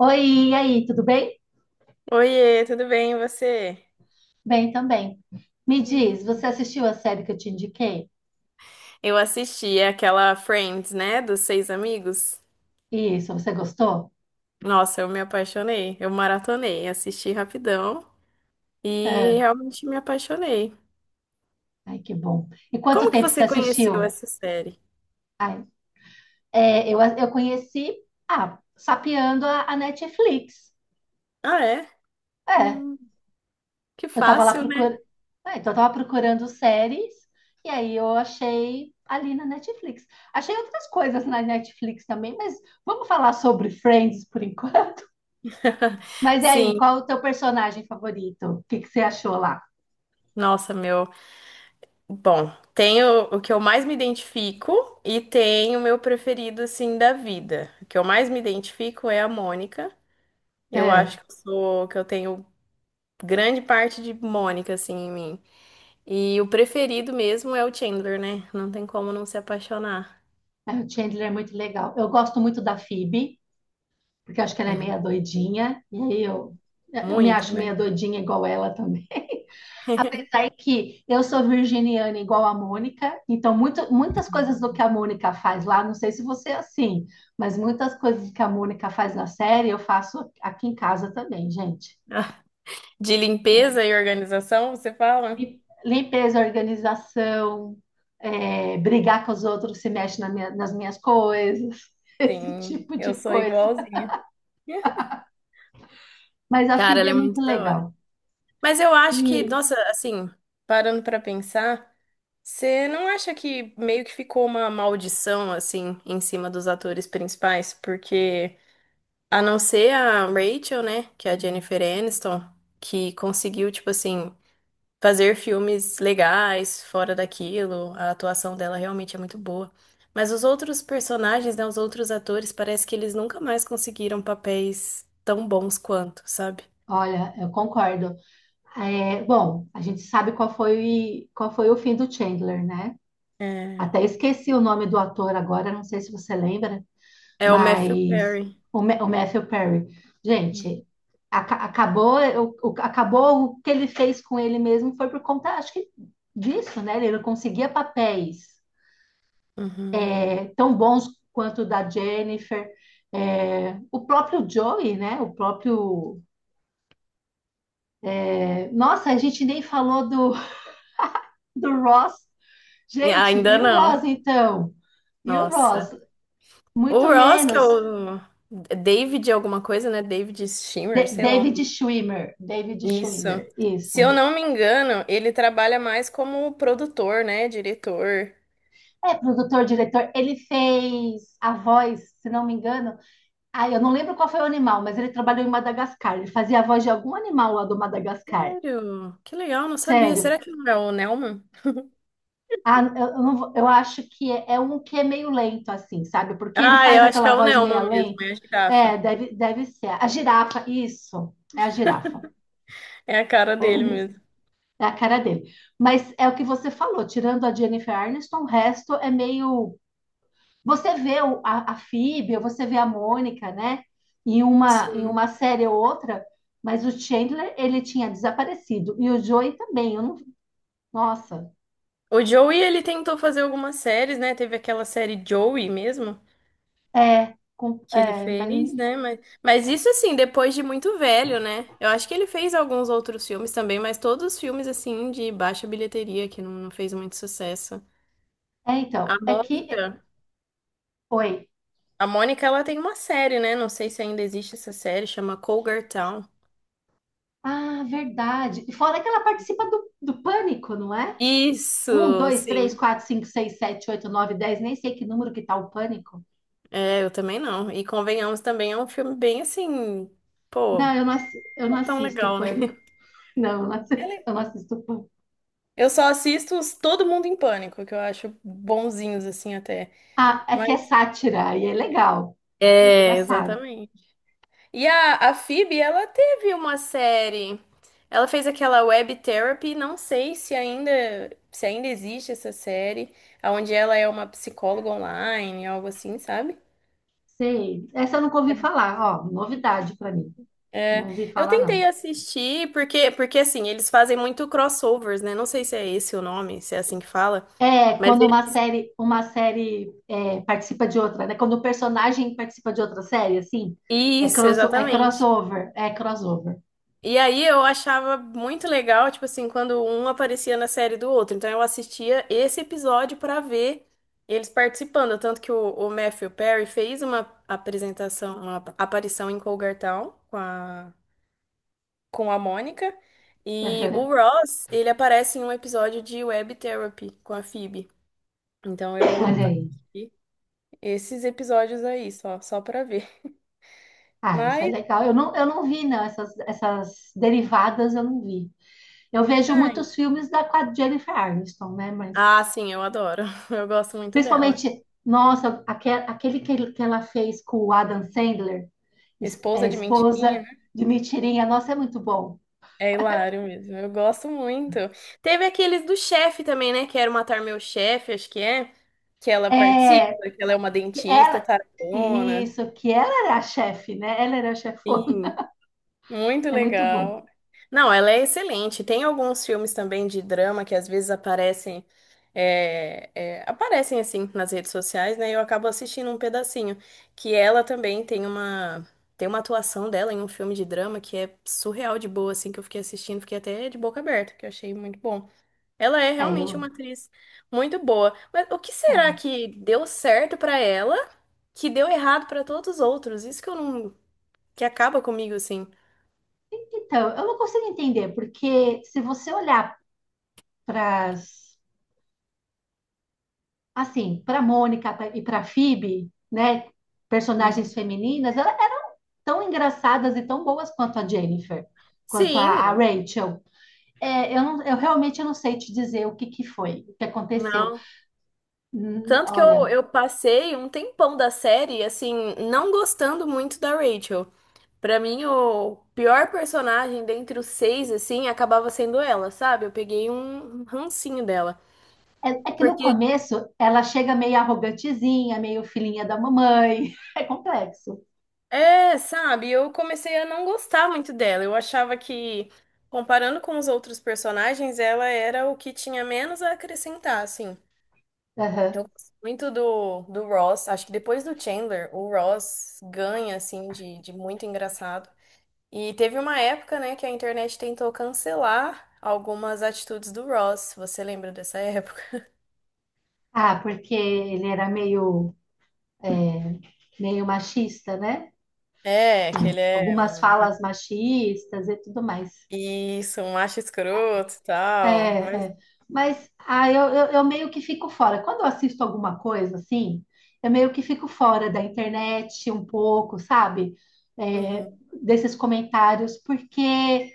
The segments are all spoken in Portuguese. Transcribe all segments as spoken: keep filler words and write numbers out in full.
Oi, e aí, tudo bem? Oiê, tudo bem, e você? Bem também. Me Hum. diz, você assistiu a série que eu te indiquei? Eu assisti aquela Friends, né, dos seis amigos. Isso, você gostou? Nossa, eu me apaixonei, eu maratonei, assisti rapidão e É. realmente me apaixonei. Ai, que bom. E quanto Como que tempo você você conheceu assistiu? essa série? Ai, é, eu, eu conheci, ah, sapeando a, a Netflix. Ah, é? É, Hum, que eu tava lá fácil, né? procurando, então eu tava procurando séries, e aí eu achei ali na Netflix. Achei outras coisas na Netflix também, mas vamos falar sobre Friends por enquanto. Mas e aí, Sim, qual o teu personagem favorito? O que que você achou lá? nossa, meu. Bom, tem o, o que eu mais me identifico e tem o meu preferido, assim, da vida. O que eu mais me identifico é a Mônica. Eu É, acho que eu sou, que eu tenho grande parte de Mônica, assim, em mim. E o preferido mesmo é o Chandler, né? Não tem como não se apaixonar. é, o Chandler é muito legal. Eu gosto muito da Phoebe, porque eu acho que ela é meia Uhum. doidinha, e aí eu, eu me Muito, acho meia né? doidinha igual ela também. Daí que eu sou virginiana igual a Mônica, então muito, muitas coisas do que a Mônica faz lá, não sei se você é assim, mas muitas coisas que a Mônica faz na série eu faço aqui em casa também, gente. De limpeza e organização, você fala? E Limpeza, organização, é, brigar com os outros se mexe na minha- nas minhas coisas, esse Sim, tipo eu de sou coisa. igualzinha. Mas a Cara, F I B ela é é muito muito da hora. legal. Mas eu acho que, E, nossa, assim, parando pra pensar, você não acha que meio que ficou uma maldição, assim, em cima dos atores principais? Porque. A não ser a Rachel, né? Que é a Jennifer Aniston, que conseguiu, tipo assim, fazer filmes legais fora daquilo. A atuação dela realmente é muito boa. Mas os outros personagens, né? Os outros atores, parece que eles nunca mais conseguiram papéis tão bons quanto, sabe? olha, eu concordo. É, bom, a gente sabe qual foi, qual foi o fim do Chandler, né? É, Até esqueci o nome do ator agora, não sei se você lembra, é o Matthew mas Perry. o, Ma- o Matthew Perry. Uhum. Gente, aca- acabou, o, o- acabou o que ele fez com ele mesmo foi por conta, acho que disso, né? Ele não conseguia papéis Uhum. é, tão bons quanto o da Jennifer. É, o próprio Joey, né? O próprio Nossa, a gente nem falou do, do Ross. E Gente, ainda e o não. Ross então? E o Nossa. Ross? O Muito Ross, que é menos. o David alguma coisa, né? David Schwimmer, De- sei lá. David Schwimmer. David Isso. Schwimmer, Se eu isso. não me engano, ele trabalha mais como produtor, né? Diretor. É produtor, diretor. Ele fez a voz, se não me engano. Ah, eu não lembro qual foi o animal, mas ele trabalhou em Madagascar. Ele fazia a voz de algum animal lá do Madagascar. Sério? Que legal, não sabia. Sério. Será que não é o Nelman? Ah, eu, eu não vou- eu acho que é, é um que é meio lento, assim, sabe? Porque ele Ah, faz eu acho que é aquela o voz meio Nelman mesmo, lenta. é a É, girafa. deve, deve ser. A girafa, isso. É a girafa. É a cara É ele dele mesmo. mesmo. É a cara dele. Mas é o que você falou, tirando a Jennifer Aniston, o resto é meio. Você vê o- a, a Phoebe, ou você vê a Mônica, né? Em uma, em Sim. uma série ou outra, mas o Chandler, ele tinha desaparecido. E o Joey também. Eu não. Nossa. O Joey, ele tentou fazer algumas séries, né? Teve aquela série Joey mesmo, É, com- que ele é, mas. fez, né? Mas, mas isso, assim, depois de muito velho, né? Eu acho que ele fez alguns outros filmes também, mas todos os filmes, assim, de baixa bilheteria, que não, não fez muito sucesso. É, então, A é que Mônica. foi. A Mônica, ela tem uma série, né? Não sei se ainda existe essa série, chama Cougar Town. Ah, verdade. E fora que ela participa do, do Pânico, não é? Um, Isso, dois, três, sim. quatro, cinco, seis, sete, oito, nove, dez. Nem sei que número que tá o Pânico. É, eu também não. E convenhamos também, é um filme bem assim, pô, Não, eu não, assi- eu não não é tão assisto o legal, né? Pânico. Não, eu não É assi- legal. eu não assisto o Pânico. Eu só assisto os Todo Mundo em Pânico, que eu acho bonzinhos assim até. Ah, é que é Mas sátira e é legal. É é, engraçado. exatamente. E a, a Phoebe, ela teve uma série. Ela fez aquela Web Therapy, não sei se ainda, se ainda, existe essa série, onde ela é uma psicóloga online, algo assim, sabe? Sei. Essa eu nunca ouvi falar. Ó, novidade pra mim. Não É, ouvi eu falar, não. tentei assistir, porque, porque assim, eles fazem muito crossovers, né? Não sei se é esse o nome, se é assim que fala, É, mas quando uma ele- série, uma série é, participa de outra, né? Quando o personagem participa de outra série, assim, é, isso, crosso, é exatamente. crossover, é crossover. E aí eu achava muito legal, tipo assim, quando um aparecia na série do outro. Então eu assistia esse episódio pra ver eles participando. Tanto que o, o Matthew Perry fez uma apresentação, uma ap- aparição em Cougartown com a, com a Mônica. E o Aham. Ross, ele aparece em um episódio de Web Therapy com a Phoebe. Então eu Olha aí. assisti esses episódios aí, só, só pra ver. Ah, isso é Mas, legal. Eu não, eu não vi, não, essas, essas derivadas eu não vi. Eu vejo ai. muitos filmes da com a Jennifer Aniston, né? Mas Ah, sim, eu adoro. Eu gosto muito dela. principalmente, nossa, aque- aquele que, ele- que ela fez com o Adam Sandler, es- Esposa é, de mentirinha. esposa de mentirinha, nossa, é muito bom. É hilário mesmo, eu gosto muito. Teve aqueles do chefe também, né? Quero Matar Meu Chefe, acho que é. Que ela É, participa, que ela é uma que dentista, ela, tarabona. isso, que ela era a chefe, né? Ela era a chefona. Sim. Muito É muito bom. legal. Não, ela é excelente. Tem alguns filmes também de drama que às vezes aparecem, é, é, aparecem assim nas redes sociais, né? E eu acabo assistindo um pedacinho. Que ela também tem uma, tem uma atuação dela em um filme de drama que é surreal de boa, assim, que eu fiquei assistindo, fiquei até de boca aberta, que eu achei muito bom. Ela é É, realmente uma eu. atriz muito boa. Mas o que será É. que deu certo pra ela, que deu errado pra todos os outros? Isso que eu não, que acaba comigo, assim. Então, eu não consigo entender, porque se você olhar para assim, para Mônica pra- e para Phoebe, né, personagens femininas, elas eram tão engraçadas e tão boas quanto a Jennifer, quanto a, a Sim, Rachel. É, eu, não- eu realmente não sei te dizer o que que foi, o que aconteceu. não. Hum, Tanto que eu, olha, eu passei um tempão da série, assim, não gostando muito da Rachel. Pra mim, o pior personagem dentre os seis, assim, acabava sendo ela, sabe? Eu peguei um um rancinho dela. É, é que no Porque, começo ela chega meio arrogantezinha, meio filhinha da mamãe. É complexo. é, sabe, eu comecei a não gostar muito dela. Eu achava que, comparando com os outros personagens, ela era o que tinha menos a acrescentar, assim. Aham. Eu gosto muito do, do Ross. Acho que depois do Chandler, o Ross ganha, assim, de, de muito engraçado. E teve uma época, né, que a internet tentou cancelar algumas atitudes do Ross. Você lembra dessa época? Ah, porque ele era meio, meio machista, né? É, que ele é Algumas um... falas machistas e tudo mais. Isso, um macho escroto e tal. É, Mas, é. Mas ah, eu, eu, eu meio que fico fora. Quando eu assisto alguma coisa assim, eu meio que fico fora da internet um pouco, sabe? É, uhum, desses comentários, porque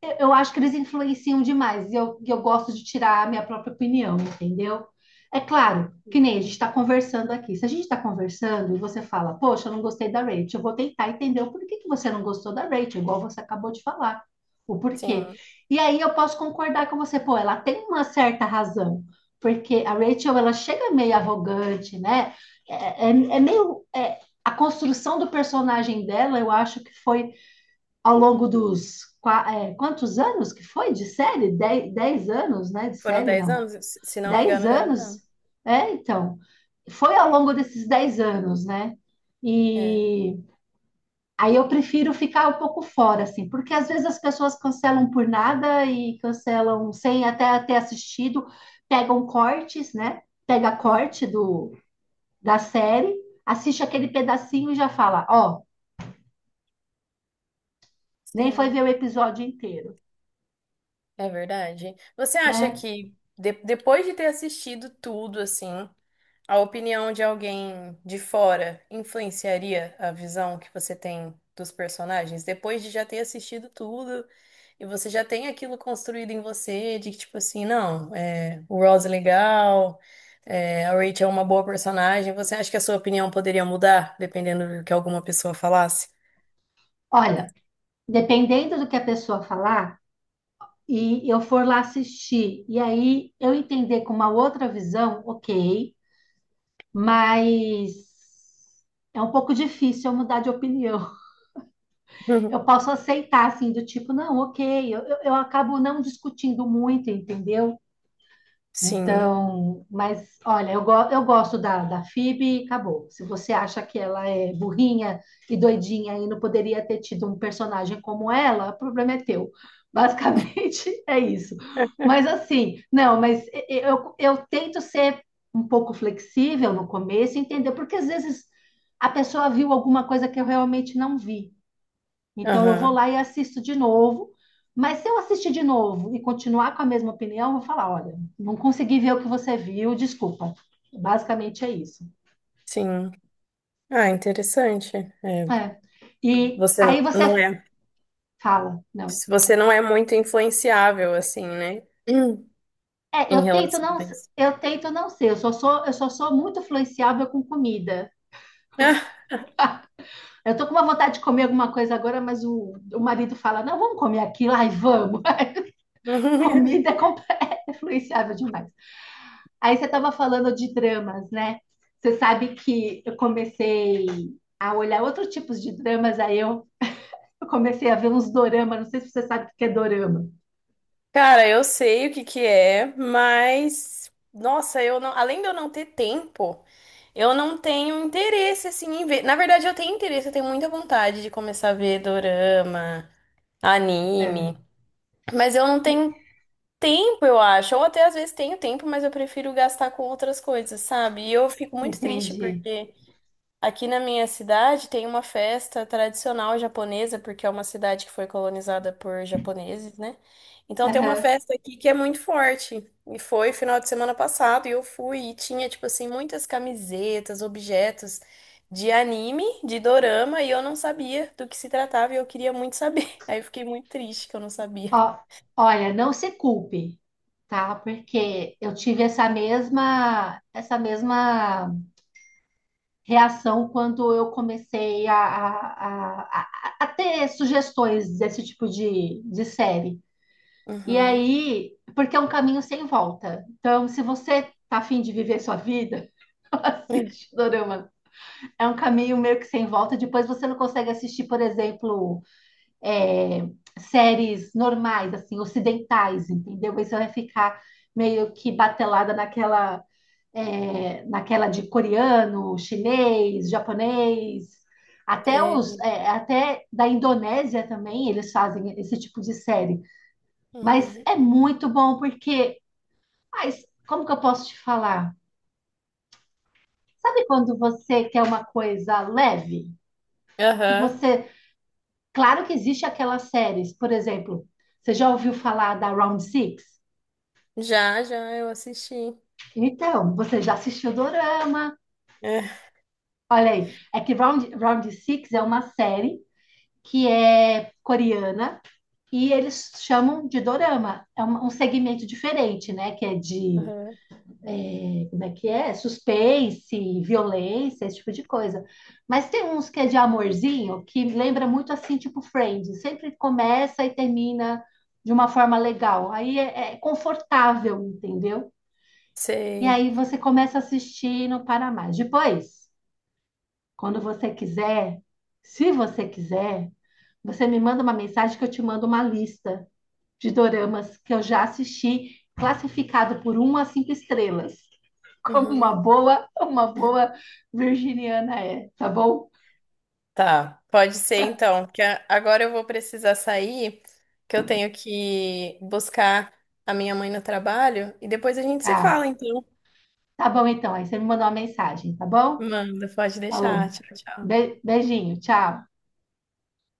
Eu eu acho que eles influenciam demais e eu, e eu gosto de tirar a minha própria opinião, entendeu? É claro, que nem a gente está conversando aqui. Se a gente está conversando e você fala, poxa, eu não gostei da Rachel, eu vou tentar entender o porquê que você não gostou da Rachel, igual você acabou de falar, o porquê. sim. E aí eu posso concordar com você, pô, ela tem uma certa razão, porque a Rachel, ela chega meio arrogante, né? É, é, é meio. é- a construção do personagem dela, eu acho que foi ao longo dos qua- é, quantos anos que foi de série? Dez, dez anos, né? De Foram série, dez não. anos? Se se não me Dez engano, dez anos. anos. É, então. Foi ao longo desses dez anos, né? É. E aí eu prefiro ficar um pouco fora, assim, porque às vezes as pessoas cancelam por nada e cancelam sem até ter assistido, pegam cortes, né? Pega Uhum, corte do, da série, assiste aquele pedacinho e já fala, ó, nem foi ver sim, o episódio inteiro, é verdade. Você acha né? que, de- depois de ter assistido tudo, assim... A opinião de alguém de fora influenciaria a visão que você tem dos personagens depois de já ter assistido tudo e você já tem aquilo construído em você de que, tipo assim, não, é, o Ross é legal, é, a Rachel é uma boa personagem. Você acha que a sua opinião poderia mudar dependendo do que alguma pessoa falasse? Olha, dependendo do que a pessoa falar, e eu for lá assistir, e aí eu entender com uma outra visão, ok, mas é um pouco difícil eu mudar de opinião. Eu Uhum. posso aceitar, assim, do tipo, não, ok, eu, eu, eu acabo não discutindo muito, entendeu? Sim. Então, mas olha, eu, go- eu gosto da, da F I B e acabou. Se você acha que ela é burrinha e doidinha e não poderia ter tido um personagem como ela, o problema é teu. Basicamente é isso. Mas assim, não, mas e- e- eu, eu tento ser um pouco flexível no começo, e entender, porque às vezes a pessoa viu alguma coisa que eu realmente não vi. Então eu vou Aham, lá e assisto de novo. Mas se eu assistir de novo e continuar com a mesma opinião, eu vou falar, olha, não consegui ver o que você viu, desculpa. Basicamente é isso. sim. Ah, interessante. É, É. E aí você você não é, fala, não. você não é muito influenciável, assim, né? É, eu em tento relação não, a isso. eu tento não ser, eu só sou, eu só sou muito influenciável com comida. Ah, Eu tô com uma vontade de comer alguma coisa agora, mas o, o marido fala, não, vamos comer aquilo, ai, vamos. Comida é, comple- é influenciável demais. Aí você estava falando de dramas, né? Você sabe que eu comecei a olhar outros tipos de dramas, aí eu, eu comecei a ver uns dorama, não sei se você sabe o que é dorama. Cara, eu sei o que que é, mas nossa, eu não, além de eu não ter tempo, eu não tenho interesse assim em ver. Na verdade, eu tenho interesse, eu, tenho muita vontade de começar a ver dorama, É, anime, mas eu não E- tenho tempo, eu acho. Ou até às vezes tenho tempo, mas eu prefiro gastar com outras coisas, sabe? E eu fico muito triste entendi. porque aqui na minha cidade tem uma festa tradicional japonesa, porque é uma cidade que foi colonizada por japoneses, né? Então tem uma Aham. festa aqui que é muito forte. E foi final de semana passado e eu fui e tinha, tipo assim, muitas camisetas, objetos de anime, de dorama, e eu não sabia do que se tratava e eu queria muito saber. Aí eu fiquei muito triste que eu não sabia. Ó, olha, não se culpe, tá? Porque eu tive essa mesma, essa mesma reação quando eu comecei a, a, a, a- a ter sugestões desse tipo de, de série. E Uhum. aí, porque é um caminho sem volta. Então, se você tá afim de viver sua vida, assiste Dorama. É um caminho meio que sem volta. Depois você não consegue assistir, por exemplo, é, séries normais, assim, ocidentais, entendeu? Aí você vai ficar meio que batelada naquela, é, naquela de coreano, chinês, japonês. Até os, Sei. é, até da Indonésia também eles fazem esse tipo de série. Mas Uhum. é muito bom porque, mas como que eu posso te falar? Sabe quando você quer uma coisa leve? Que Aham. você, claro que existe aquelas séries, por exemplo, você já ouviu falar da Round Six? Já, já, eu assisti. Então, você já assistiu Dorama? É. Olha aí, é que Round, Round Six é uma série que é coreana e eles chamam de Dorama. É um um segmento diferente, né? Que é de Aham. como é que é? Suspense, violência, esse tipo de coisa. Mas tem uns que é de amorzinho, que lembra muito assim, tipo Friends. Sempre começa e termina de uma forma legal. Aí é, é confortável, entendeu? E Sei. aí você começa a assistir e não para mais. Depois, quando você quiser, se você quiser, você me manda uma mensagem que eu te mando uma lista de doramas que eu já assisti, classificado por uma a cinco estrelas como uma Uhum. boa, uma boa virginiana é, tá bom? Tá, pode ser então, porque a- agora eu vou precisar sair, que eu tenho que buscar a minha mãe no trabalho e depois a gente se Tá, fala, então. tá bom então. Aí você me mandou uma mensagem, tá bom? Manda, pode deixar. Falou. Tchau, tchau. Be- beijinho, tchau.